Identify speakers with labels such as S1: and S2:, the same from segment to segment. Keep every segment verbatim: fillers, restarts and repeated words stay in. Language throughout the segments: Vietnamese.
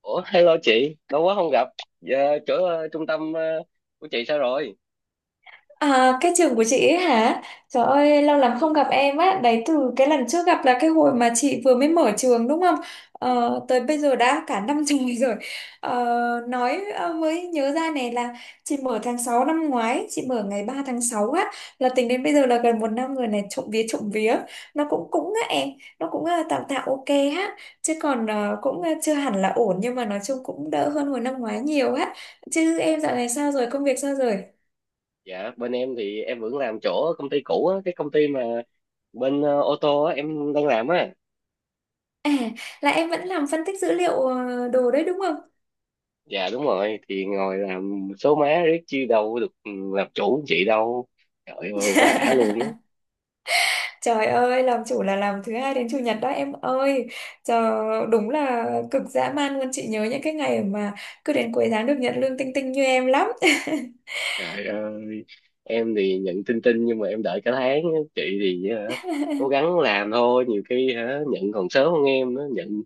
S1: Ủa, hello chị, lâu quá không gặp. Dạ, chỗ ờ, trung tâm ờ, của chị sao rồi?
S2: À, cái trường của chị ấy hả? Trời ơi, lâu lắm không
S1: Rồi.
S2: gặp em á. Đấy từ cái lần trước gặp là cái hồi mà chị vừa mới mở trường đúng không? Ờ, tới bây giờ đã cả năm trời rồi. Ờ, nói ờ, mới nhớ ra này là chị mở tháng sáu năm ngoái, chị mở ngày ba tháng sáu á. Là tính đến bây giờ là gần một năm rồi này, trộm vía trộm vía. Nó cũng cũng á em, nó cũng ờ, tạm tạm ok á. Chứ còn ờ, cũng ờ, chưa hẳn là ổn nhưng mà nói chung cũng đỡ hơn hồi năm ngoái nhiều á. Chứ em dạo này sao rồi, công việc sao rồi?
S1: Dạ, bên em thì em vẫn làm chỗ ở công ty cũ á, cái công ty mà bên ờ, ô tô á, em đang làm á.
S2: À, là em vẫn làm phân tích dữ liệu ờ, đồ đấy đúng không?
S1: Dạ đúng rồi, thì ngồi làm số má riết chi đâu được ừ, làm chủ chị đâu. Trời ơi, quá ả luôn á.
S2: Trời ơi, làm chủ là làm thứ hai đến chủ nhật đó em ơi. Trời, đúng là cực dã man luôn. Chị nhớ những cái ngày mà cứ đến cuối tháng được nhận lương tinh tinh như em lắm.
S1: Trời ơi, em thì nhận tin tin nhưng mà em đợi cả tháng á. Chị thì ờ, cố gắng làm thôi, nhiều khi hả, nhận còn sớm hơn em nữa, nhận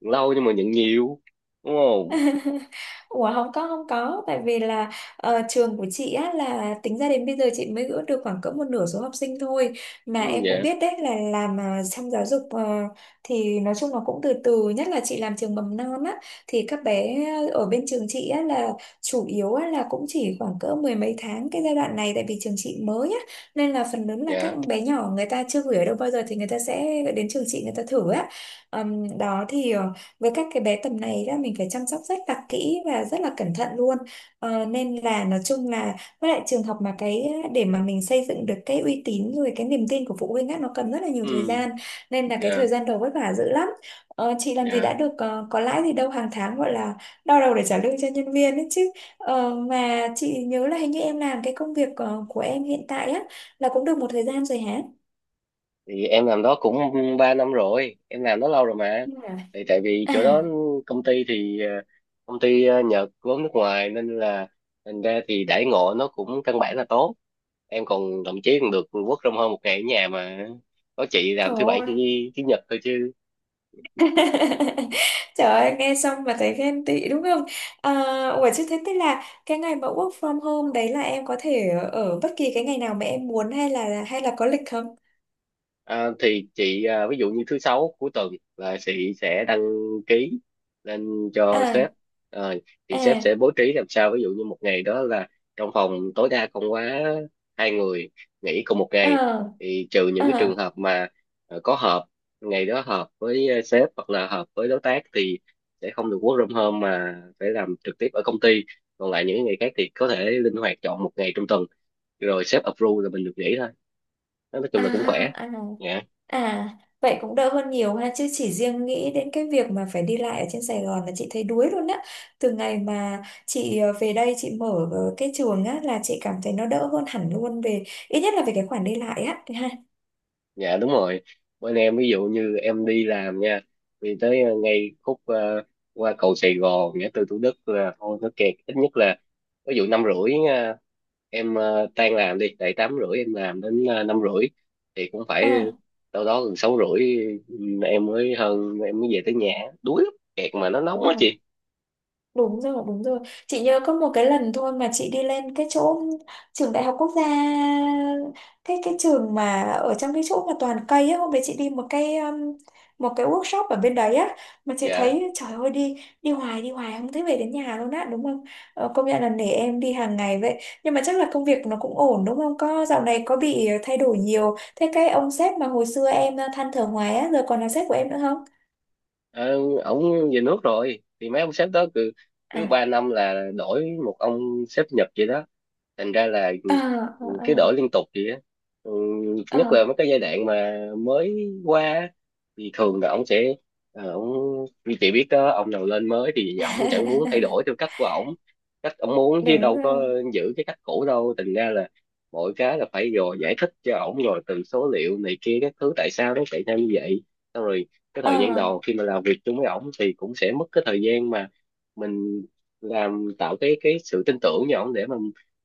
S1: lâu nhưng mà nhận nhiều. Đúng không?
S2: Ủa, không có không có. Tại vì là ờ, trường của chị á là tính ra đến bây giờ chị mới gỡ được khoảng cỡ một nửa số học sinh thôi, mà
S1: Ừ.
S2: em cũng
S1: Dạ.
S2: biết đấy là làm à, trong giáo dục ờ, thì nói chung là cũng từ từ, nhất là chị làm trường mầm non á, thì các bé ở bên trường chị á là chủ yếu á là cũng chỉ khoảng cỡ mười mấy tháng cái giai đoạn này, tại vì trường chị mới á nên là phần lớn là các
S1: Dạ.
S2: bé nhỏ người ta chưa gửi ở đâu bao giờ thì người ta sẽ đến trường chị người ta thử á. Ờm, đó thì ờ, với các cái bé tầm này á, mình phải chăm sóc rất là kỹ và rất là cẩn thận luôn, ờ, nên là nói chung là với lại trường học mà, cái để mà mình xây dựng được cái uy tín rồi cái niềm tin của phụ huynh á nó cần rất là nhiều thời
S1: Ừ.
S2: gian, nên là cái
S1: Dạ.
S2: thời gian đầu vất vả dữ lắm. Ờ, chị làm gì
S1: Dạ.
S2: đã được, ờ, có lãi gì đâu, hàng tháng gọi là đau đầu để trả lương cho nhân viên ấy chứ. Ờ, mà chị nhớ là hình như em làm cái công việc ờ, của em hiện tại á là cũng được một thời gian rồi hả.
S1: Thì em làm đó cũng ba năm rồi, em làm đó lâu rồi mà.
S2: Ừ.
S1: Thì tại vì
S2: À,
S1: chỗ đó công ty thì ờ, công ty ờ, Nhật vốn nước ngoài nên là thành ra thì đãi ngộ nó cũng căn bản là tốt. Em còn thậm chí còn được work from home một ngày ở nhà mà, có chị làm
S2: trời
S1: thứ bảy
S2: ơi.
S1: chủ, chủ nhật thôi chứ.
S2: Trời ơi, nghe xong mà thấy ghen tị đúng không? À, ủa chứ thế tức là cái ngày mà work from home đấy là em có thể ở bất kỳ cái ngày nào mà em muốn, hay là hay là có lịch không?
S1: À, thì chị à, ví dụ như thứ sáu cuối tuần là chị sẽ đăng ký lên cho
S2: À,
S1: sếp. Ờ, thì sếp
S2: à,
S1: sẽ bố trí làm sao, ví dụ như một ngày đó là trong phòng tối đa không quá hai người nghỉ cùng một ngày,
S2: à,
S1: thì trừ những cái trường
S2: à,
S1: hợp mà ờ, có họp, ngày đó họp với ờ, sếp hoặc là họp với đối tác thì sẽ không được work from home mà phải làm trực tiếp ở công ty. Còn lại những ngày khác thì có thể linh hoạt chọn một ngày trong tuần, rồi sếp approve là mình được nghỉ thôi. Nói chung là cũng khỏe.
S2: à, à,
S1: Dạ.
S2: à. Vậy cũng đỡ hơn nhiều ha, chứ chỉ riêng nghĩ đến cái việc mà phải đi lại ở trên Sài Gòn là chị thấy đuối luôn á. Từ ngày mà chị ờ, về đây chị mở ờ, cái trường á là chị cảm thấy nó đỡ hơn hẳn luôn, về ít nhất là về cái khoản đi lại á. Ha.
S1: Dạ đúng rồi, bên em ví dụ như em đi làm nha, thì tới ờ, ngay khúc ờ, qua cầu Sài Gòn ngã tư Thủ Đức là thôi nó kẹt, ít nhất là ví dụ năm rưỡi ờ, em ờ, tan làm đi, tại tám rưỡi em làm đến ờ, năm rưỡi thì cũng phải
S2: À.
S1: đâu đó gần sáu rưỡi ừ, em mới hơn em mới về tới nhà. Đuối lắm, kẹt mà nó nóng
S2: Ờ.
S1: quá chị.
S2: Đúng rồi, đúng rồi. Chị nhớ có một cái lần thôi mà chị đi lên cái chỗ trường Đại học Quốc gia, cái cái trường mà ở trong cái chỗ mà toàn cây á, hôm đấy chị đi một cái um, một cái workshop ở bên đấy á, mà chị
S1: Dạ.
S2: thấy trời ơi đi đi hoài đi hoài không thấy về đến nhà luôn á đúng không? Ờ, công nhận là nể em đi hàng ngày vậy. Nhưng mà chắc là công việc nó cũng ổn đúng không? Có, dạo này có bị thay đổi nhiều. Thế cái ông sếp mà hồi xưa em ờ, than thở hoài á giờ còn là sếp của em nữa không?
S1: Ờ, Ổng về nước rồi, thì mấy ông sếp đó cứ cứ
S2: À.
S1: ba năm là đổi một ông sếp Nhật vậy đó, thành ra là
S2: À,
S1: ừ,
S2: à,
S1: cứ đổi
S2: à.
S1: liên tục vậy á. ừ, Nhất là mấy cái giai đoạn mà mới qua á, thì thường là ông sẽ ờ, ông như chị biết đó, ông nào lên mới thì ông chẳng muốn thay đổi theo cách của ổng, cách ông muốn chứ
S2: Đúng
S1: đâu
S2: rồi.
S1: có giữ cái cách cũ đâu. Thành ra là mọi cái là phải rồi giải thích cho ổng, rồi từ số liệu này kia các thứ tại sao nó xảy ra như vậy, xong rồi cái
S2: Ờ,
S1: thời gian đầu khi mà làm việc chung với ổng thì cũng sẽ mất cái thời gian mà mình làm tạo cái cái sự tin tưởng với ổng để mà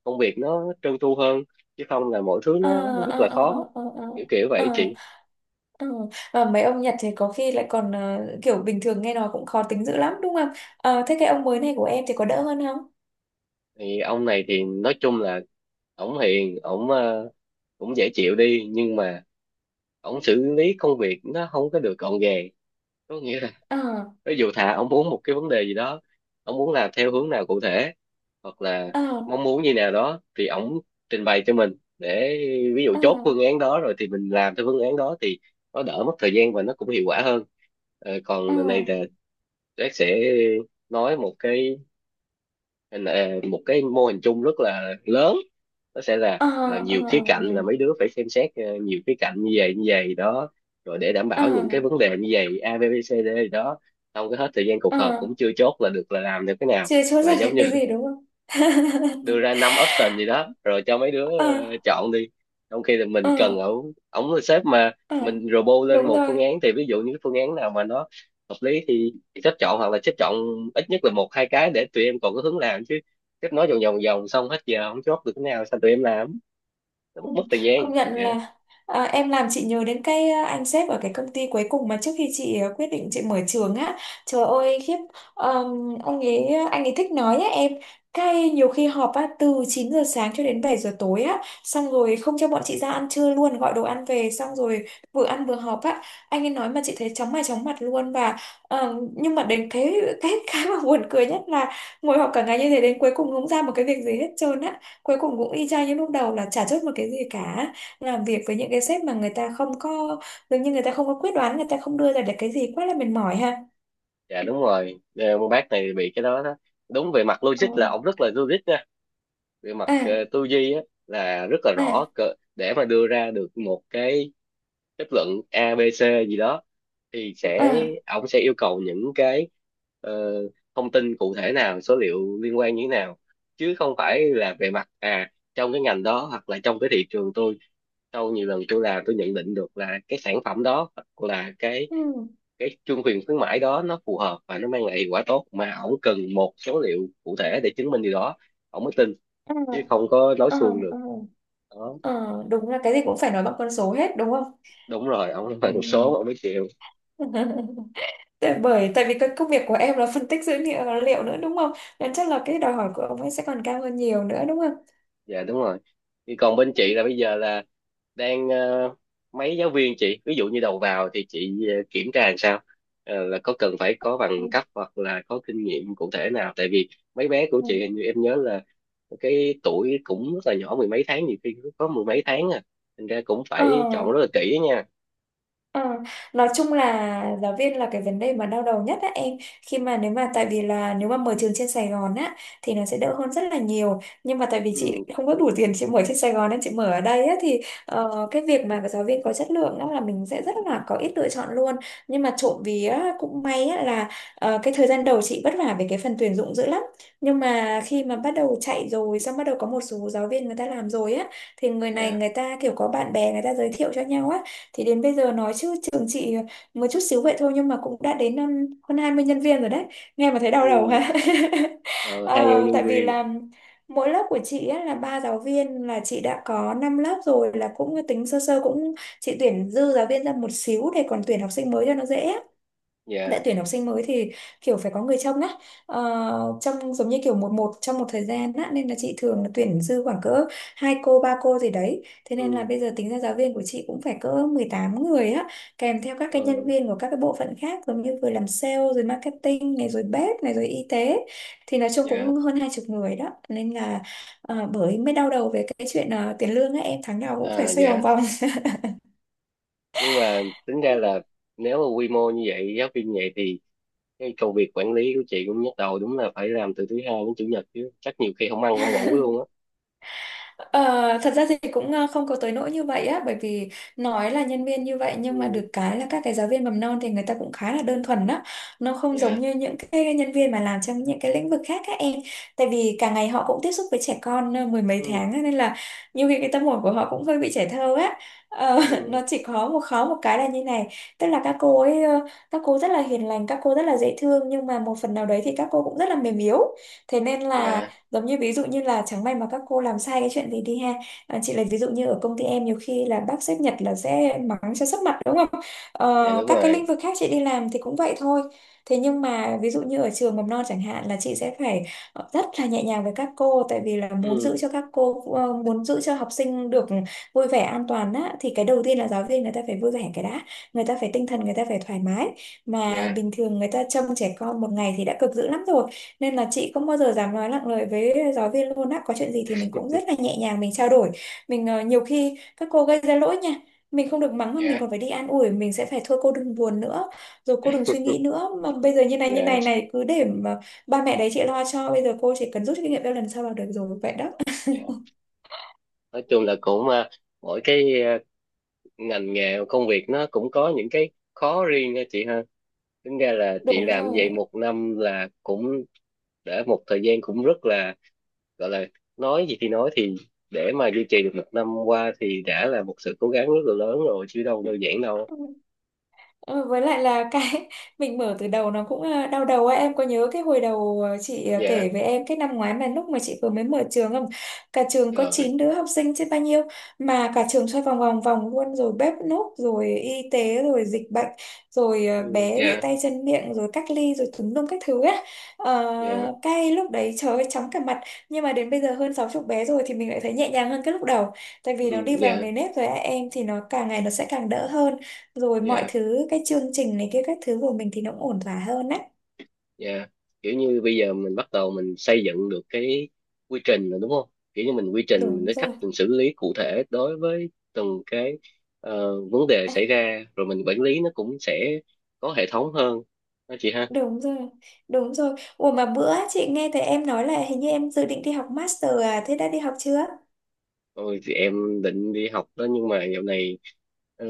S1: công việc nó trơn tru hơn, chứ không là mọi thứ
S2: ờ,
S1: nó rất
S2: ờ,
S1: là
S2: ờ,
S1: khó,
S2: ờ, ờ, ờ,
S1: kiểu kiểu
S2: ờ,
S1: vậy
S2: ờ.
S1: chị.
S2: ờ, Và mấy ông Nhật thì có khi lại còn ờ, kiểu bình thường nghe nói cũng khó tính dữ lắm đúng không? Ờ, thế cái ông mới này của em thì có đỡ hơn không?
S1: Thì ông này thì nói chung là ổng hiền, ổng ờ, cũng dễ chịu đi nhưng mà ổng xử lý công việc nó không có được gọn gàng, có nghĩa là
S2: Ờ,
S1: ví dụ thà ông muốn một cái vấn đề gì đó, ông muốn làm theo hướng nào cụ thể hoặc là
S2: ờ,
S1: mong muốn như nào đó thì ông trình bày cho mình để ví dụ
S2: ờ,
S1: chốt phương án đó rồi thì mình làm theo phương án đó thì nó đỡ mất thời gian và nó cũng hiệu quả hơn. Ờ,
S2: ờ,
S1: còn lần này là Jack sẽ nói một cái, nên là ờ, một cái mô hình chung rất là lớn, nó sẽ là
S2: ờ,
S1: à,
S2: ờ,
S1: nhiều khía cạnh là
S2: ờ,
S1: mấy đứa phải xem xét, ờ, nhiều khía cạnh như vậy như vậy đó, rồi để đảm
S2: ờ,
S1: bảo những cái vấn đề như vậy a bê, bê xê dê gì đó, không có hết thời gian cuộc
S2: ờ.
S1: họp cũng chưa chốt là được là làm được cái nào.
S2: Chưa chốt
S1: Và
S2: ra là
S1: giống như
S2: cái gì đúng không.
S1: đưa ra năm option gì đó rồi cho mấy đứa
S2: Ờ,
S1: ờ, chọn đi, trong khi là mình
S2: ờ,
S1: cần ổng ổng là sếp mà,
S2: ờ.
S1: mình robot lên
S2: Đúng
S1: một phương
S2: rồi.
S1: án thì ví dụ như cái phương án nào mà nó hợp lý thì sếp chọn, hoặc là sếp chọn ít nhất là một hai cái để tụi em còn có hướng làm chứ. Sếp nói vòng vòng vòng xong hết giờ không chốt được cái nào, sao tụi em làm, nó mất
S2: Ừ,
S1: mất thời gian.
S2: công nhận
S1: Dạ.
S2: là à, em làm chị nhớ đến cái à, anh sếp ở cái công ty cuối cùng mà trước khi chị à, quyết định chị mở trường á, trời ơi khiếp. Ờm, ông ấy anh ấy thích nói á em, cái nhiều khi họp á từ chín giờ sáng cho đến bảy giờ tối á, xong rồi không cho bọn chị ra ăn trưa luôn, gọi đồ ăn về xong rồi vừa ăn vừa họp á. Anh ấy nói mà chị thấy chóng mặt chóng mặt luôn. Và ờm, nhưng mà đến cái cái cái mà buồn cười nhất là ngồi họp cả ngày như thế đến cuối cùng không ra một cái việc gì hết trơn á, cuối cùng cũng y chang như lúc đầu là chả chốt một cái gì cả. Làm việc với những cái sếp mà người ta không có, dường như người ta không có quyết đoán, người ta không đưa ra được cái gì, quá là mệt mỏi ha.
S1: Dạ đúng rồi. Ờ, con bác này bị cái đó đó, đúng về mặt
S2: Ờ.
S1: logic là ổng rất là logic nha, về mặt
S2: À,
S1: ờ, tư duy á là rất là rõ
S2: à,
S1: cỡ- để mà đưa ra được một cái kết luận a bê xê gì đó thì sẽ
S2: à,
S1: ông sẽ yêu cầu những cái ờ, thông tin cụ thể, nào số liệu liên quan như thế nào, chứ không phải là về mặt à trong cái ngành đó hoặc là trong cái thị trường tôi sau nhiều lần tôi làm tôi nhận định được là cái sản phẩm đó hoặc là cái
S2: ừ,
S1: cái chương quyền khuyến mãi đó nó phù hợp và nó mang lại hiệu quả tốt, mà ổng cần một số liệu cụ thể để chứng minh điều đó ổng mới tin,
S2: ờ,
S1: chứ không có nói
S2: ờ,
S1: suông được
S2: ờ,
S1: đó.
S2: ờ. Đúng là cái gì cũng phải nói bằng con số hết đúng không.
S1: Đúng rồi, ổng nói
S2: Ừ.
S1: bằng số ổng mới chịu.
S2: Tại bởi tại vì cái công việc của em là phân tích dữ liệu, liệu nữa đúng không, nên chắc là cái đòi hỏi của ông ấy sẽ còn cao hơn nhiều nữa đúng không.
S1: Dạ đúng rồi. Thì còn bên chị là bây giờ là đang ờ, mấy giáo viên chị ví dụ như đầu vào thì chị ờ, kiểm tra làm sao? Ờ, là có cần phải có
S2: Ừ.
S1: bằng cấp hoặc là có kinh nghiệm cụ thể nào, tại vì mấy bé của
S2: Ừ.
S1: chị hình như em nhớ là cái tuổi cũng rất là nhỏ, mười mấy tháng, nhiều khi có mười mấy tháng à, thành ra cũng
S2: Ờ.
S1: phải chọn rất là kỹ nha.
S2: Ờ, nói chung là giáo viên là cái vấn đề mà đau đầu nhất á em, khi mà nếu mà tại vì là nếu mà mở trường trên Sài Gòn á thì nó sẽ đỡ hơn rất là nhiều, nhưng mà tại vì chị
S1: Ừ.
S2: không có đủ tiền chị mở trên Sài Gòn nên chị mở ở đây á thì ờ, cái việc mà giáo viên có chất lượng đó là mình sẽ rất là có ít lựa chọn luôn. Nhưng mà trộm vía cũng may á là ờ, cái thời gian đầu chị vất vả về cái phần tuyển dụng dữ lắm, nhưng mà khi mà bắt đầu chạy rồi xong bắt đầu có một số giáo viên người ta làm rồi á, thì người này
S1: Dạ.
S2: người ta kiểu có bạn bè người ta giới thiệu cho nhau á, thì đến bây giờ nói chứ trường chị một chút xíu vậy thôi nhưng mà cũng đã đến um, hơn hai mươi nhân viên rồi đấy, nghe mà thấy đau đầu
S1: Ừ.
S2: ha.
S1: Ờ, hai nhân
S2: Ờ, tại
S1: nhân
S2: vì
S1: viên.
S2: là mỗi lớp của chị á là ba giáo viên, là chị đã có năm lớp rồi, là cũng tính sơ sơ cũng, chị tuyển dư giáo viên ra một xíu để còn tuyển học sinh mới cho nó dễ, đã
S1: Dạ.
S2: tuyển học sinh mới thì kiểu phải có người trông á, ờ, trông giống như kiểu một một trong một thời gian á, nên là chị thường là tuyển dư khoảng cỡ hai cô ba cô gì đấy, thế nên là
S1: Ừ.
S2: bây giờ tính ra giáo viên của chị cũng phải cỡ mười tám người á, kèm theo các cái
S1: Ờ.
S2: nhân viên của các cái bộ phận khác giống như vừa làm sale rồi marketing này rồi bếp này rồi y tế, thì nói chung
S1: Dạ.
S2: cũng hơn hai chục người đó, nên là ờ, bởi mới đau đầu về cái chuyện ờ, tiền lương á em, tháng nào cũng phải
S1: À.
S2: xoay vòng
S1: Dạ.
S2: vòng.
S1: Nhưng mà tính ra là nếu mà quy mô như vậy giáo viên như vậy thì cái công việc quản lý của chị cũng nhức đầu, đúng là phải làm từ thứ hai đến chủ nhật chứ, chắc nhiều khi không ăn không ngủ luôn á.
S2: Ờ, thật ra thì cũng ờ, không có tới nỗi như vậy á, bởi vì nói là nhân viên như vậy nhưng mà
S1: Ừ.
S2: được cái là các cái giáo viên mầm non thì người ta cũng khá là đơn thuần á, nó không
S1: Dạ.
S2: giống như những cái nhân viên mà làm trong những cái lĩnh vực khác các em. Tại vì cả ngày họ cũng tiếp xúc với trẻ con ờ, mười mấy
S1: Ừ.
S2: tháng á, nên là nhiều khi cái tâm hồn của họ cũng hơi bị trẻ thơ á. Ờ, nó
S1: Ừ.
S2: chỉ có một khó một cái là như này, tức là các cô ấy ờ, các cô rất là hiền lành, các cô rất là dễ thương nhưng mà một phần nào đấy thì các cô cũng rất là mềm yếu, thế nên là
S1: Dạ.
S2: giống như ví dụ như là chẳng may mà các cô làm sai cái chuyện gì đi ha. À, chị lấy ví dụ như ở công ty em nhiều khi là bác sếp Nhật là sẽ mắng cho sấp mặt đúng không.
S1: Dạ
S2: Ờ,
S1: đúng
S2: các cái lĩnh
S1: rồi.
S2: vực khác chị đi làm thì cũng vậy thôi, thế nhưng mà ví dụ như ở trường mầm non chẳng hạn là chị sẽ phải ờ, rất là nhẹ nhàng với các cô, tại vì là muốn giữ
S1: Ừ.
S2: cho các cô ờ, muốn giữ cho học sinh được vui vẻ an toàn á, thì cái đầu tiên là giáo viên người ta phải vui vẻ cái đã, người ta phải tinh thần, người ta phải thoải mái, mà
S1: Dạ.
S2: bình thường người ta trông trẻ con một ngày thì đã cực dữ lắm rồi, nên là chị không bao giờ dám nói nặng lời với giáo viên luôn á, có chuyện gì thì mình cũng rất là nhẹ nhàng mình trao đổi, mình ờ, nhiều khi các cô gây ra lỗi nha, mình không được mắng mà mình
S1: Dạ.
S2: còn phải đi an ủi, mình sẽ phải thôi cô đừng buồn nữa, rồi cô đừng suy nghĩ nữa mà bây giờ như này như
S1: Dạ.
S2: này này, cứ để mà ba mẹ đấy chị lo cho, bây giờ cô chỉ cần rút kinh nghiệm ra lần sau là được rồi vậy đó.
S1: Dạ. Nói chung là cũng à, mỗi cái à, ngành nghề công việc nó cũng có những cái khó riêng ha chị ha. Tính ra là chị
S2: Đúng
S1: làm
S2: rồi.
S1: vậy một năm là cũng đã một thời gian, cũng rất là, gọi là, nói gì thì nói thì để mà duy trì được một năm qua thì đã là một sự cố gắng rất là lớn rồi chứ đâu đơn giản đâu.
S2: Ừ. Ờ, với lại là cái mình mở từ đầu nó cũng ờ, đau đầu ấy, em có nhớ cái hồi đầu ờ, chị ờ,
S1: Dạ
S2: kể với em cái năm ngoái mà lúc mà chị vừa mới mở trường không, cả trường có
S1: rồi.
S2: chín đứa học sinh chứ bao nhiêu, mà cả trường xoay vòng vòng vòng luôn, rồi bếp núc rồi y tế rồi dịch bệnh, rồi ờ,
S1: Ừ.
S2: bé bị
S1: Dạ.
S2: tay chân miệng rồi cách ly rồi tùm lum các thứ á. Ờ,
S1: Dạ.
S2: cái lúc đấy trời ơi chóng cả mặt, nhưng mà đến bây giờ hơn sáu chục bé rồi thì mình lại thấy nhẹ nhàng hơn cái lúc đầu, tại
S1: Ừ.
S2: vì nó đi vào
S1: Dạ.
S2: nề nếp rồi á, em thì nó càng ngày nó sẽ càng đỡ hơn, rồi mọi
S1: Dạ.
S2: thứ cái chương trình này kia các thứ của mình thì nó cũng ổn thỏa hơn á.
S1: Dạ. Kiểu như bây giờ mình bắt đầu mình xây dựng được cái quy trình rồi đúng không, kiểu như mình quy trình mình,
S2: Đúng
S1: cái cách
S2: rồi.
S1: mình xử lý cụ thể đối với từng cái ờ, vấn đề
S2: À,
S1: xảy ra, rồi mình quản lý nó cũng sẽ có hệ thống hơn đó chị ha.
S2: đúng rồi đúng rồi. Ủa, mà bữa chị nghe thấy em nói là hình như em dự định đi học master, à thế đã đi học chưa.
S1: Rồi thì em định đi học đó nhưng mà dạo này ờ,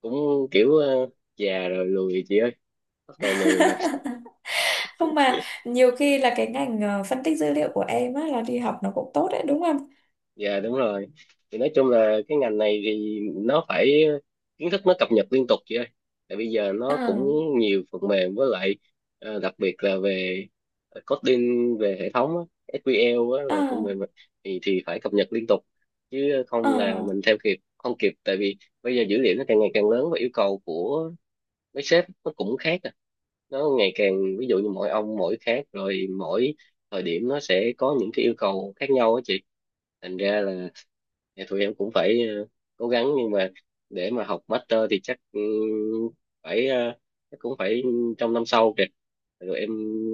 S1: cũng kiểu ờ, già rồi lười chị ơi, bắt đầu lười rồi.
S2: Không, mà nhiều khi là cái ngành ờ, phân tích dữ liệu của em á là đi học nó cũng tốt đấy đúng không.
S1: Dạ đúng rồi, thì nói chung là cái ngành này thì nó phải kiến thức nó cập nhật liên tục chị ơi, tại bây giờ
S2: Ờ,
S1: nó cũng nhiều phần mềm, với lại ờ, đặc biệt là về coding về hệ thống á, sequel á,
S2: ờ,
S1: là phần mềm á, thì thì phải cập nhật liên tục, chứ
S2: ờ.
S1: không là mình theo kịp không kịp, tại vì bây giờ dữ liệu nó càng ngày càng lớn và yêu cầu của mấy sếp nó cũng khác à, nó ngày càng, ví dụ như mỗi ông mỗi khác rồi, mỗi thời điểm nó sẽ có những cái yêu cầu khác nhau á chị, thành ra là thì tụi em cũng phải ờ, cố gắng, nhưng mà để mà học master thì chắc ừ, phải ờ, chắc cũng phải trong năm sau kìa, rồi em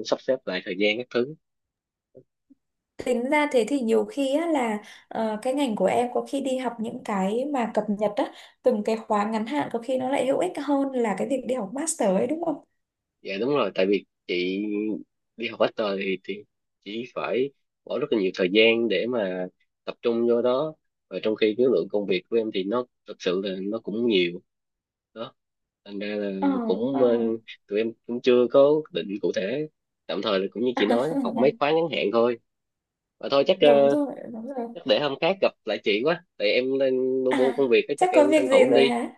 S1: sắp xếp lại thời gian các thứ.
S2: Tính ra thế thì nhiều khi á là ờ, cái ngành của em có khi đi học những cái mà cập nhật á, từng cái khóa ngắn hạn có khi nó lại hữu ích hơn là cái việc đi học master ấy đúng không.
S1: Dạ đúng rồi, tại vì chị đi học master thì thì chỉ phải bỏ rất là nhiều thời gian để mà tập trung vô đó, và trong khi cái lượng công việc của em thì nó thực sự là nó cũng nhiều đó, thành ra
S2: Ờ,
S1: là cũng
S2: ờ.
S1: ờ, tụi em cũng chưa có định cụ thể, tạm thời là cũng như chị nói học mấy khóa ngắn hạn thôi. Và thôi chắc
S2: Đúng
S1: ờ,
S2: rồi đúng rồi.
S1: chắc để hôm khác gặp lại chị quá, tại em đang bu
S2: À,
S1: bu công việc á, chắc
S2: chắc có
S1: em
S2: việc
S1: tranh
S2: gì
S1: thủ em
S2: rồi
S1: đi.
S2: hả.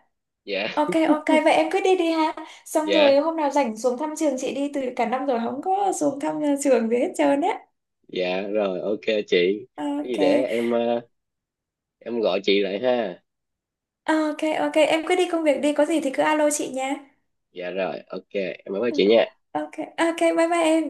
S1: Dạ.
S2: Ok, ok, vậy em cứ đi đi ha, xong rồi
S1: Dạ.
S2: hôm nào rảnh xuống thăm trường chị đi, từ cả năm rồi không có xuống thăm nhà trường gì hết trơn á.
S1: Dạ rồi ok chị, cái gì
S2: Ok,
S1: để em ờ, em gọi chị lại ha.
S2: ok. Ok, em cứ đi công việc đi, có gì thì cứ alo chị nha.
S1: Dạ rồi, ok em bye bye
S2: Ừ,
S1: chị nha.
S2: ok, ok, bye bye em.